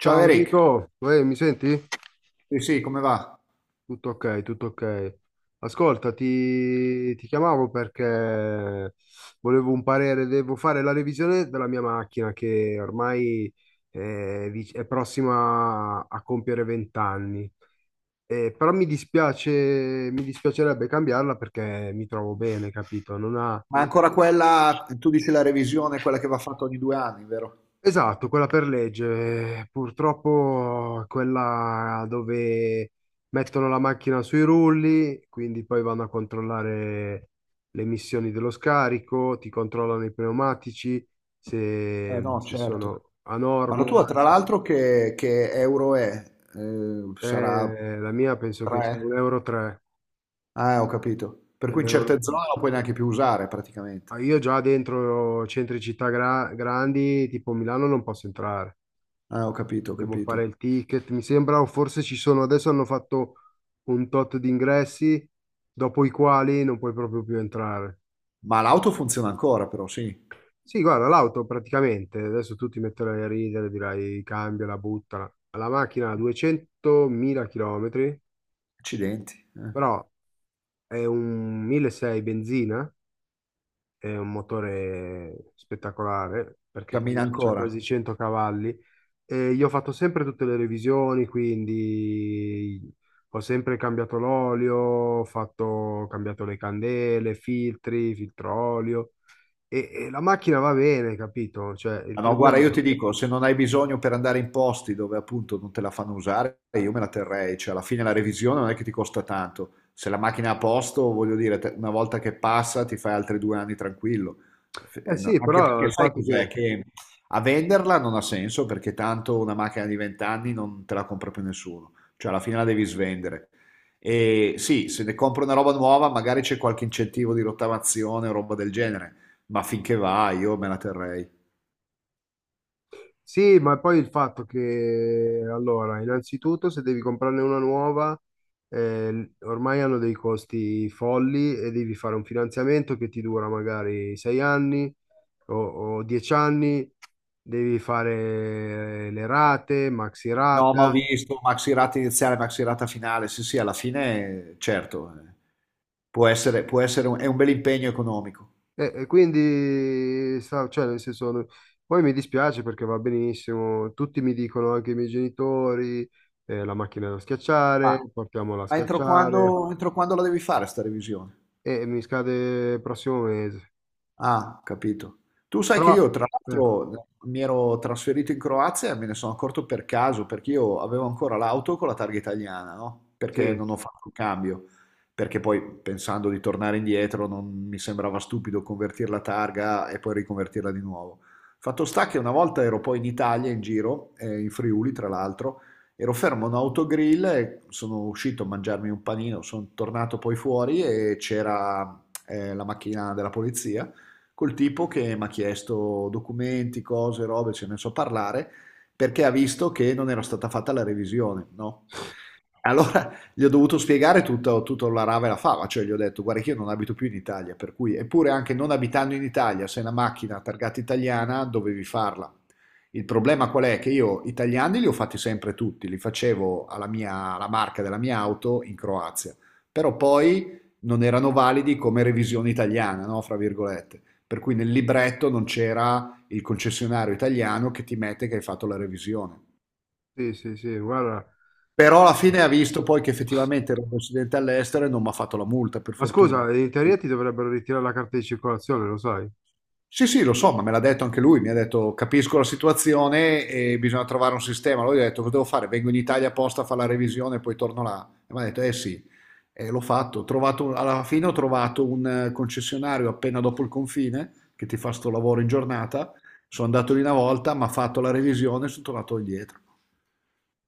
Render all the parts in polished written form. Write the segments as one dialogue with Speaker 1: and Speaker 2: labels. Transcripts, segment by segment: Speaker 1: Ciao
Speaker 2: Ciao
Speaker 1: Eric,
Speaker 2: Enrico, uè, mi senti?
Speaker 1: sì sì, come va?
Speaker 2: Tutto ok, tutto ok. Ascolta, ti chiamavo perché volevo un parere. Devo fare la revisione della mia macchina che ormai è prossima a compiere 20 anni. Però mi dispiace, mi dispiacerebbe cambiarla perché mi trovo bene, capito?
Speaker 1: Ma ancora quella, tu dici la revisione, quella che va fatta ogni due anni, vero?
Speaker 2: Esatto, quella per legge. Purtroppo quella dove mettono la macchina sui rulli, quindi poi vanno a controllare le emissioni dello scarico, ti controllano i pneumatici,
Speaker 1: Eh
Speaker 2: se,
Speaker 1: no,
Speaker 2: se
Speaker 1: certo.
Speaker 2: sono a
Speaker 1: Ma la
Speaker 2: norma.
Speaker 1: tua, tra l'altro, che euro è? Sarà
Speaker 2: La mia penso che sia un
Speaker 1: 3?
Speaker 2: euro 3.
Speaker 1: Ah, ho capito. Per
Speaker 2: Un
Speaker 1: cui in certe
Speaker 2: euro- tre.
Speaker 1: zone non puoi neanche più usare,
Speaker 2: Ah,
Speaker 1: praticamente.
Speaker 2: io già dentro centri città grandi, tipo Milano, non posso entrare.
Speaker 1: Ah, ho capito, ho
Speaker 2: Devo
Speaker 1: capito.
Speaker 2: fare il ticket, mi sembra, o forse ci sono, adesso hanno fatto un tot di ingressi, dopo i quali non puoi proprio più entrare.
Speaker 1: Ma l'auto funziona ancora, però, sì.
Speaker 2: Sì, guarda, l'auto praticamente, adesso tu ti metterai a ridere, dirai cambiala, buttala. La macchina ha 200.000 km,
Speaker 1: Accidenti, eh.
Speaker 2: però è un 1.600 benzina, è un motore spettacolare, perché
Speaker 1: Cammina
Speaker 2: comunque c'ha
Speaker 1: ancora.
Speaker 2: quasi 100 cavalli. E io ho fatto sempre tutte le revisioni, quindi ho sempre cambiato l'olio, ho cambiato le candele, filtri, filtro olio e la macchina va bene, capito? Cioè, il
Speaker 1: Ah, no, guarda,
Speaker 2: problema...
Speaker 1: io ti dico, se non hai bisogno per andare in posti dove appunto non te la fanno usare, io me la terrei, cioè alla fine la revisione non è che ti costa tanto, se la macchina è a posto, voglio dire, una volta che passa ti fai altri due anni tranquillo.
Speaker 2: Eh
Speaker 1: No,
Speaker 2: sì,
Speaker 1: anche
Speaker 2: però
Speaker 1: perché
Speaker 2: il
Speaker 1: sai
Speaker 2: fatto
Speaker 1: cos'è?
Speaker 2: che...
Speaker 1: Che a venderla non ha senso perché tanto una macchina di 20 anni non te la compra più nessuno, cioè alla fine la devi svendere. E sì, se ne compro una roba nuova, magari c'è qualche incentivo di rottamazione o roba del genere, ma finché va io me la terrei.
Speaker 2: Sì, ma poi il fatto che, allora, innanzitutto se devi comprarne una nuova, ormai hanno dei costi folli e devi fare un finanziamento che ti dura magari 6 anni o 10 anni. Devi fare le rate, maxi
Speaker 1: No,
Speaker 2: rata,
Speaker 1: ma ho visto Maxirata iniziale, Maxirata finale. Sì, sì, alla fine, certo, è un bel impegno economico.
Speaker 2: e quindi, cioè, nel senso, poi mi dispiace perché va benissimo, tutti mi dicono, anche i miei genitori, la macchina da
Speaker 1: Ma,
Speaker 2: schiacciare, portiamola a schiacciare.
Speaker 1: entro quando la devi fare sta revisione?
Speaker 2: E mi scade il prossimo mese.
Speaker 1: Ah, capito. Tu sai che
Speaker 2: Però,
Speaker 1: io, tra
Speaker 2: eh,
Speaker 1: l'altro, mi ero trasferito in Croazia e me ne sono accorto per caso, perché io avevo ancora l'auto con la targa italiana, no? Perché
Speaker 2: sì,
Speaker 1: non ho fatto il cambio, perché poi pensando di tornare indietro non mi sembrava stupido convertire la targa e poi riconvertirla di nuovo. Fatto sta che una volta ero poi in Italia, in giro, in Friuli, tra l'altro, ero fermo a un autogrill e sono uscito a mangiarmi un panino, sono tornato poi fuori e c'era la macchina della polizia col tipo che mi ha chiesto documenti, cose, robe, ce ne so parlare, perché ha visto che non era stata fatta la revisione, no? Allora gli ho dovuto spiegare tutto, tutto la rave la fava, cioè gli ho detto guarda che io non abito più in Italia, per cui eppure anche non abitando in Italia, se è una macchina targata italiana dovevi farla. Il problema qual è? Che io italiani li ho fatti sempre tutti, li facevo alla mia, alla marca della mia auto in Croazia, però poi non erano validi come revisione italiana, no? Fra virgolette. Per cui nel libretto non c'era il concessionario italiano che ti mette che hai fatto la revisione.
Speaker 2: sì, sì, sì, guarda.
Speaker 1: Però alla fine ha visto poi che effettivamente ero un residente all'estero e non mi ha fatto la multa, per
Speaker 2: Ma
Speaker 1: fortuna.
Speaker 2: scusa, in teoria ti dovrebbero ritirare la carta di circolazione, lo sai?
Speaker 1: Sì, sì, lo so, ma me l'ha detto anche lui, mi ha detto capisco la situazione e bisogna trovare un sistema. Lui ha detto cosa devo fare? Vengo in Italia apposta a fare la revisione e poi torno là. E mi ha detto eh sì, e l'ho fatto. Alla fine ho trovato un concessionario appena dopo il confine che ti fa sto lavoro in giornata. Sono andato lì una volta, mi ha fatto la revisione e sono tornato indietro.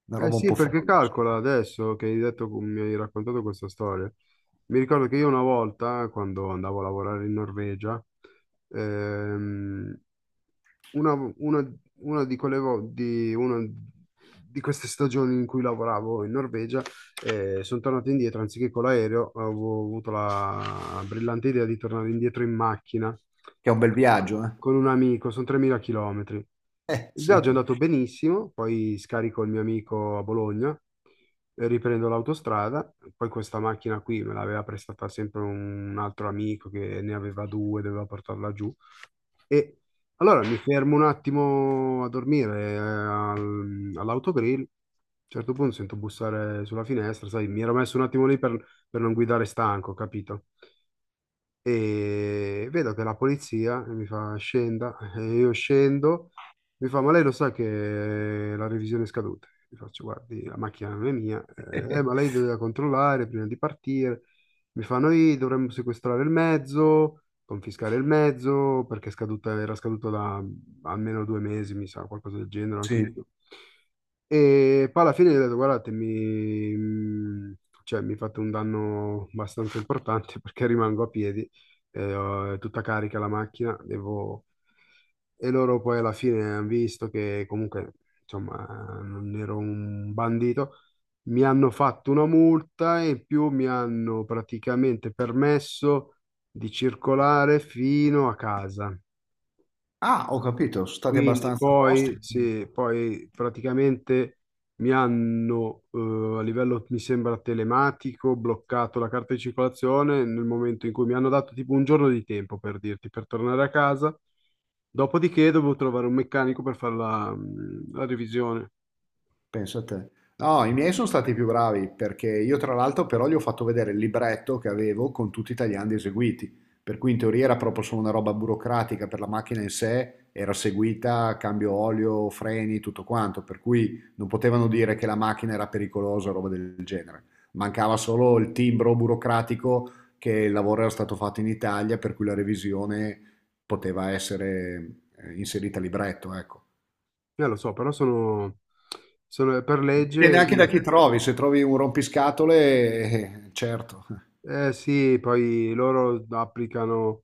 Speaker 1: Una
Speaker 2: Eh
Speaker 1: roba un
Speaker 2: sì,
Speaker 1: po'
Speaker 2: perché
Speaker 1: folle,
Speaker 2: calcola
Speaker 1: insomma.
Speaker 2: adesso che hai detto, mi hai raccontato questa storia. Mi ricordo che io una volta, quando andavo a lavorare in Norvegia, ehm, una di quelle vo- di, una di queste stagioni in cui lavoravo in Norvegia, sono tornato indietro, anziché con l'aereo. Avevo avuto la brillante idea di tornare indietro in macchina
Speaker 1: Che è un bel viaggio, eh?
Speaker 2: con un amico, sono 3.000 km.
Speaker 1: Eh
Speaker 2: Il viaggio è
Speaker 1: sì.
Speaker 2: andato benissimo, poi scarico il mio amico a Bologna, riprendo l'autostrada. Poi questa macchina qui me l'aveva prestata sempre un altro amico che ne aveva due, doveva portarla giù e allora mi fermo un attimo a dormire all'autogrill. A un certo punto sento bussare sulla finestra, sai, mi ero messo un attimo lì per non guidare stanco, capito? E vedo che la polizia mi fa scenda, e io scendo, mi fa ma lei lo sa che la revisione è scaduta? Mi faccio guardi, la macchina non è mia, ma lei doveva controllare prima di partire, mi fa noi dovremmo sequestrare il mezzo, confiscare il mezzo perché è scaduta, era scaduto da almeno 2 mesi, mi sa, qualcosa del genere, anche di
Speaker 1: Sì.
Speaker 2: più. E poi alla fine gli ho detto, guardate, cioè, mi fate un danno abbastanza importante perché rimango a piedi è tutta carica la macchina, devo... E loro poi alla fine hanno visto che comunque, insomma, non ero un bandito, mi hanno fatto una multa e in più mi hanno praticamente permesso di circolare fino a casa.
Speaker 1: Ah, ho capito, sono stati
Speaker 2: Quindi
Speaker 1: abbastanza tosti.
Speaker 2: poi, sì, poi praticamente mi hanno a livello, mi sembra, telematico, bloccato la carta di circolazione nel momento in cui mi hanno dato tipo un giorno di tempo per dirti, per tornare a casa. Dopodiché dovevo trovare un meccanico per fare la, la revisione.
Speaker 1: Pensa a te. No, i miei sono stati più bravi perché io tra l'altro però gli ho fatto vedere il libretto che avevo con tutti i tagliandi eseguiti, per cui in teoria era proprio solo una roba burocratica per la macchina in sé, era seguita, cambio olio, freni, tutto quanto, per cui non potevano dire che la macchina era pericolosa o roba del genere. Mancava solo il timbro burocratico che il lavoro era stato fatto in Italia, per cui la revisione poteva essere inserita a libretto, ecco.
Speaker 2: Lo so, però sono per legge,
Speaker 1: Dipende anche da chi trovi, se trovi un rompiscatole, certo.
Speaker 2: Eh sì, poi loro applicano.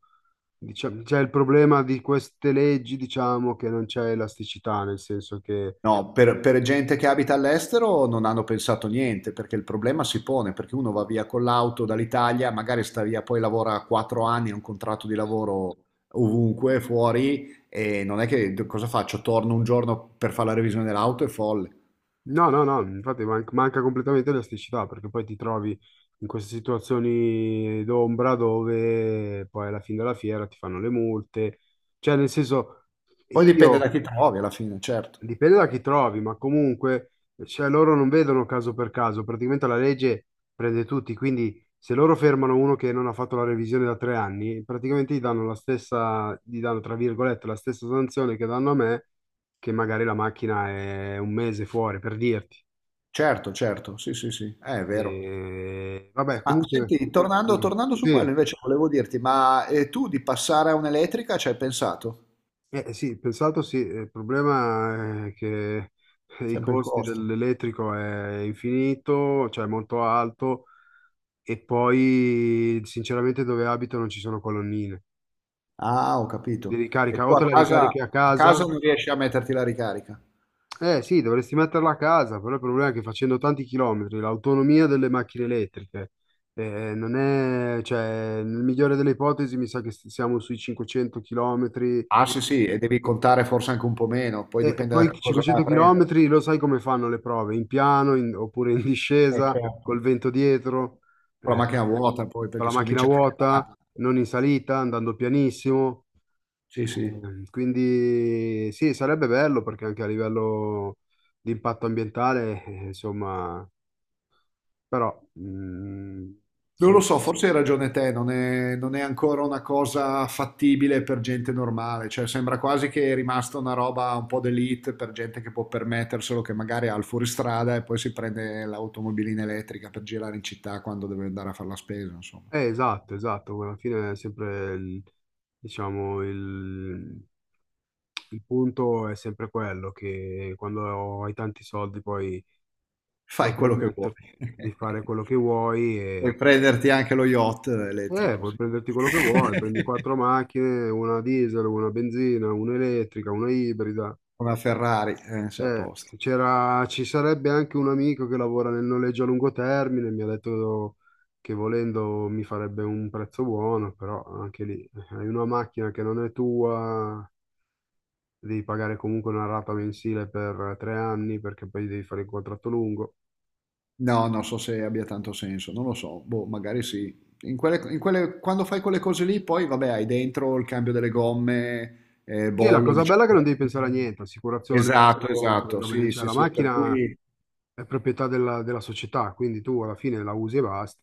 Speaker 2: Diciamo, c'è il problema di queste leggi, diciamo, che non c'è elasticità, nel senso che...
Speaker 1: No, per gente che abita all'estero non hanno pensato niente, perché il problema si pone, perché uno va via con l'auto dall'Italia, magari sta via, poi lavora quattro anni, ha un contratto di lavoro ovunque, fuori, e non è che cosa faccio? Torno un giorno per fare la revisione dell'auto, è folle.
Speaker 2: No, no, no, infatti manca completamente elasticità, perché poi ti trovi in queste situazioni d'ombra dove poi alla fine della fiera ti fanno le multe. Cioè, nel senso,
Speaker 1: Poi
Speaker 2: sì.
Speaker 1: dipende
Speaker 2: Io...
Speaker 1: da chi trovi alla fine, certo.
Speaker 2: Dipende da chi trovi, ma comunque, cioè, loro non vedono caso per caso, praticamente la legge prende tutti, quindi se loro fermano uno che non ha fatto la revisione da 3 anni, praticamente gli danno la stessa, gli danno, tra virgolette, la stessa sanzione che danno a me, che magari la macchina è un mese fuori, per dirti.
Speaker 1: Certo, certo, sì, sì, sì, eh, è vero.
Speaker 2: E, vabbè,
Speaker 1: Ma
Speaker 2: comunque,
Speaker 1: senti,
Speaker 2: sì,
Speaker 1: tornando su
Speaker 2: sì,
Speaker 1: quello invece volevo dirti, ma tu di passare a un'elettrica ci hai pensato?
Speaker 2: sì, pensato sì, il problema è che i
Speaker 1: Sempre il
Speaker 2: costi
Speaker 1: costo.
Speaker 2: dell'elettrico è infinito, cioè molto alto. E poi, sinceramente, dove abito non ci sono colonnine
Speaker 1: Ah, ho
Speaker 2: di
Speaker 1: capito. E
Speaker 2: ricarica.
Speaker 1: tu
Speaker 2: O
Speaker 1: a
Speaker 2: te la ricarichi a
Speaker 1: a
Speaker 2: casa?
Speaker 1: casa non riesci a metterti la ricarica?
Speaker 2: Eh sì, dovresti metterla a casa, però il problema è che facendo tanti chilometri, l'autonomia delle macchine elettriche, non è, cioè, nel migliore delle ipotesi mi sa che siamo sui 500 chilometri.
Speaker 1: Ah, sì, sì, e devi contare forse anche un po' meno, poi
Speaker 2: E
Speaker 1: dipende da
Speaker 2: poi
Speaker 1: che cosa vai a
Speaker 2: 500
Speaker 1: prendere.
Speaker 2: chilometri lo sai come fanno le prove, in piano oppure in discesa,
Speaker 1: Certo.
Speaker 2: col vento dietro,
Speaker 1: Con la
Speaker 2: eh,
Speaker 1: macchina vuota poi,
Speaker 2: con
Speaker 1: perché
Speaker 2: la
Speaker 1: si
Speaker 2: macchina
Speaker 1: comincia a
Speaker 2: vuota,
Speaker 1: caricare.
Speaker 2: non in salita, andando pianissimo.
Speaker 1: Sì, sì.
Speaker 2: Quindi sì, sarebbe bello perché anche a livello di impatto ambientale, insomma, però
Speaker 1: Non lo
Speaker 2: so-
Speaker 1: so, forse hai ragione te, non è ancora una cosa fattibile per gente normale, cioè sembra quasi che è rimasta una roba un po' d'elite per gente che può permetterselo, che magari ha il fuoristrada e poi si prende l'automobilina elettrica per girare in città quando deve andare a fare la spesa, insomma.
Speaker 2: esatto, esatto, alla fine è sempre diciamo il, il punto è sempre quello che quando hai tanti soldi poi puoi
Speaker 1: Fai quello che
Speaker 2: permetterti
Speaker 1: vuoi.
Speaker 2: di fare quello che vuoi
Speaker 1: Puoi
Speaker 2: e
Speaker 1: prenderti anche lo yacht elettrico,
Speaker 2: puoi
Speaker 1: sì.
Speaker 2: prenderti quello che vuoi, prendi quattro macchine, una diesel, una benzina, una elettrica, una ibrida.
Speaker 1: Una Ferrari, sei a posto.
Speaker 2: Ci sarebbe anche un amico che lavora nel noleggio a lungo termine, mi ha detto che volendo mi farebbe un prezzo buono, però anche lì hai una macchina che non è tua, devi pagare comunque una rata mensile per 3 anni perché poi devi fare il contratto lungo.
Speaker 1: No, non so se abbia tanto senso, non lo so, boh, magari sì. Quando fai quelle cose lì, poi vabbè, hai dentro il cambio delle gomme,
Speaker 2: Sì, la
Speaker 1: bollo di
Speaker 2: cosa bella è che non devi pensare a
Speaker 1: circolazione.
Speaker 2: niente, assicurazione,
Speaker 1: Esatto,
Speaker 2: conto, quelle
Speaker 1: esatto,
Speaker 2: robe lì,
Speaker 1: sì,
Speaker 2: cioè
Speaker 1: sì,
Speaker 2: la
Speaker 1: sì, per
Speaker 2: macchina
Speaker 1: cui
Speaker 2: è proprietà della società, quindi tu alla fine la usi e basta.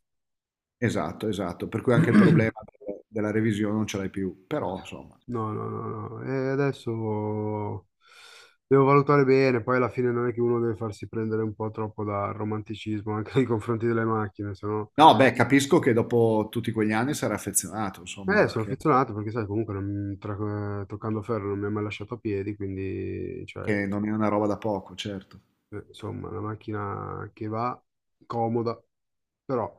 Speaker 1: esatto, per cui anche il problema della revisione non ce l'hai più, però insomma.
Speaker 2: No, no, no, no. E adesso devo valutare bene, poi alla fine non è che uno deve farsi prendere un po' troppo dal romanticismo anche nei confronti delle macchine, se no...
Speaker 1: No, beh, capisco che dopo tutti quegli anni sarà affezionato, insomma,
Speaker 2: Sono
Speaker 1: anche
Speaker 2: affezionato perché sai, comunque toccando ferro non mi ha mai lasciato a piedi, quindi, cioè,
Speaker 1: che non è una roba da poco, certo.
Speaker 2: insomma, una macchina che va comoda, però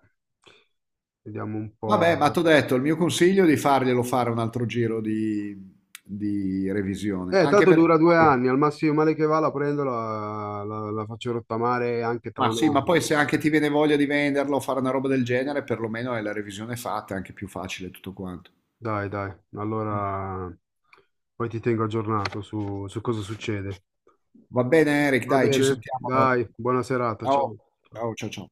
Speaker 2: vediamo un po'.
Speaker 1: Vabbè, ma t'ho detto, il mio consiglio è di farglielo fare un altro giro di revisione, anche
Speaker 2: Tanto
Speaker 1: perché
Speaker 2: dura due
Speaker 1: poi,
Speaker 2: anni, al massimo male che va la prendo, la faccio rottamare anche tra
Speaker 1: ma
Speaker 2: un
Speaker 1: sì, ma
Speaker 2: anno.
Speaker 1: poi se anche ti viene voglia di venderlo o fare una roba del genere, perlomeno è la revisione fatta, è anche più facile tutto quanto.
Speaker 2: Dai, dai, allora poi ti tengo aggiornato su cosa succede.
Speaker 1: Va bene, Eric,
Speaker 2: Va
Speaker 1: dai, ci
Speaker 2: bene,
Speaker 1: sentiamo allora.
Speaker 2: dai, buona serata,
Speaker 1: Ciao,
Speaker 2: ciao.
Speaker 1: ciao.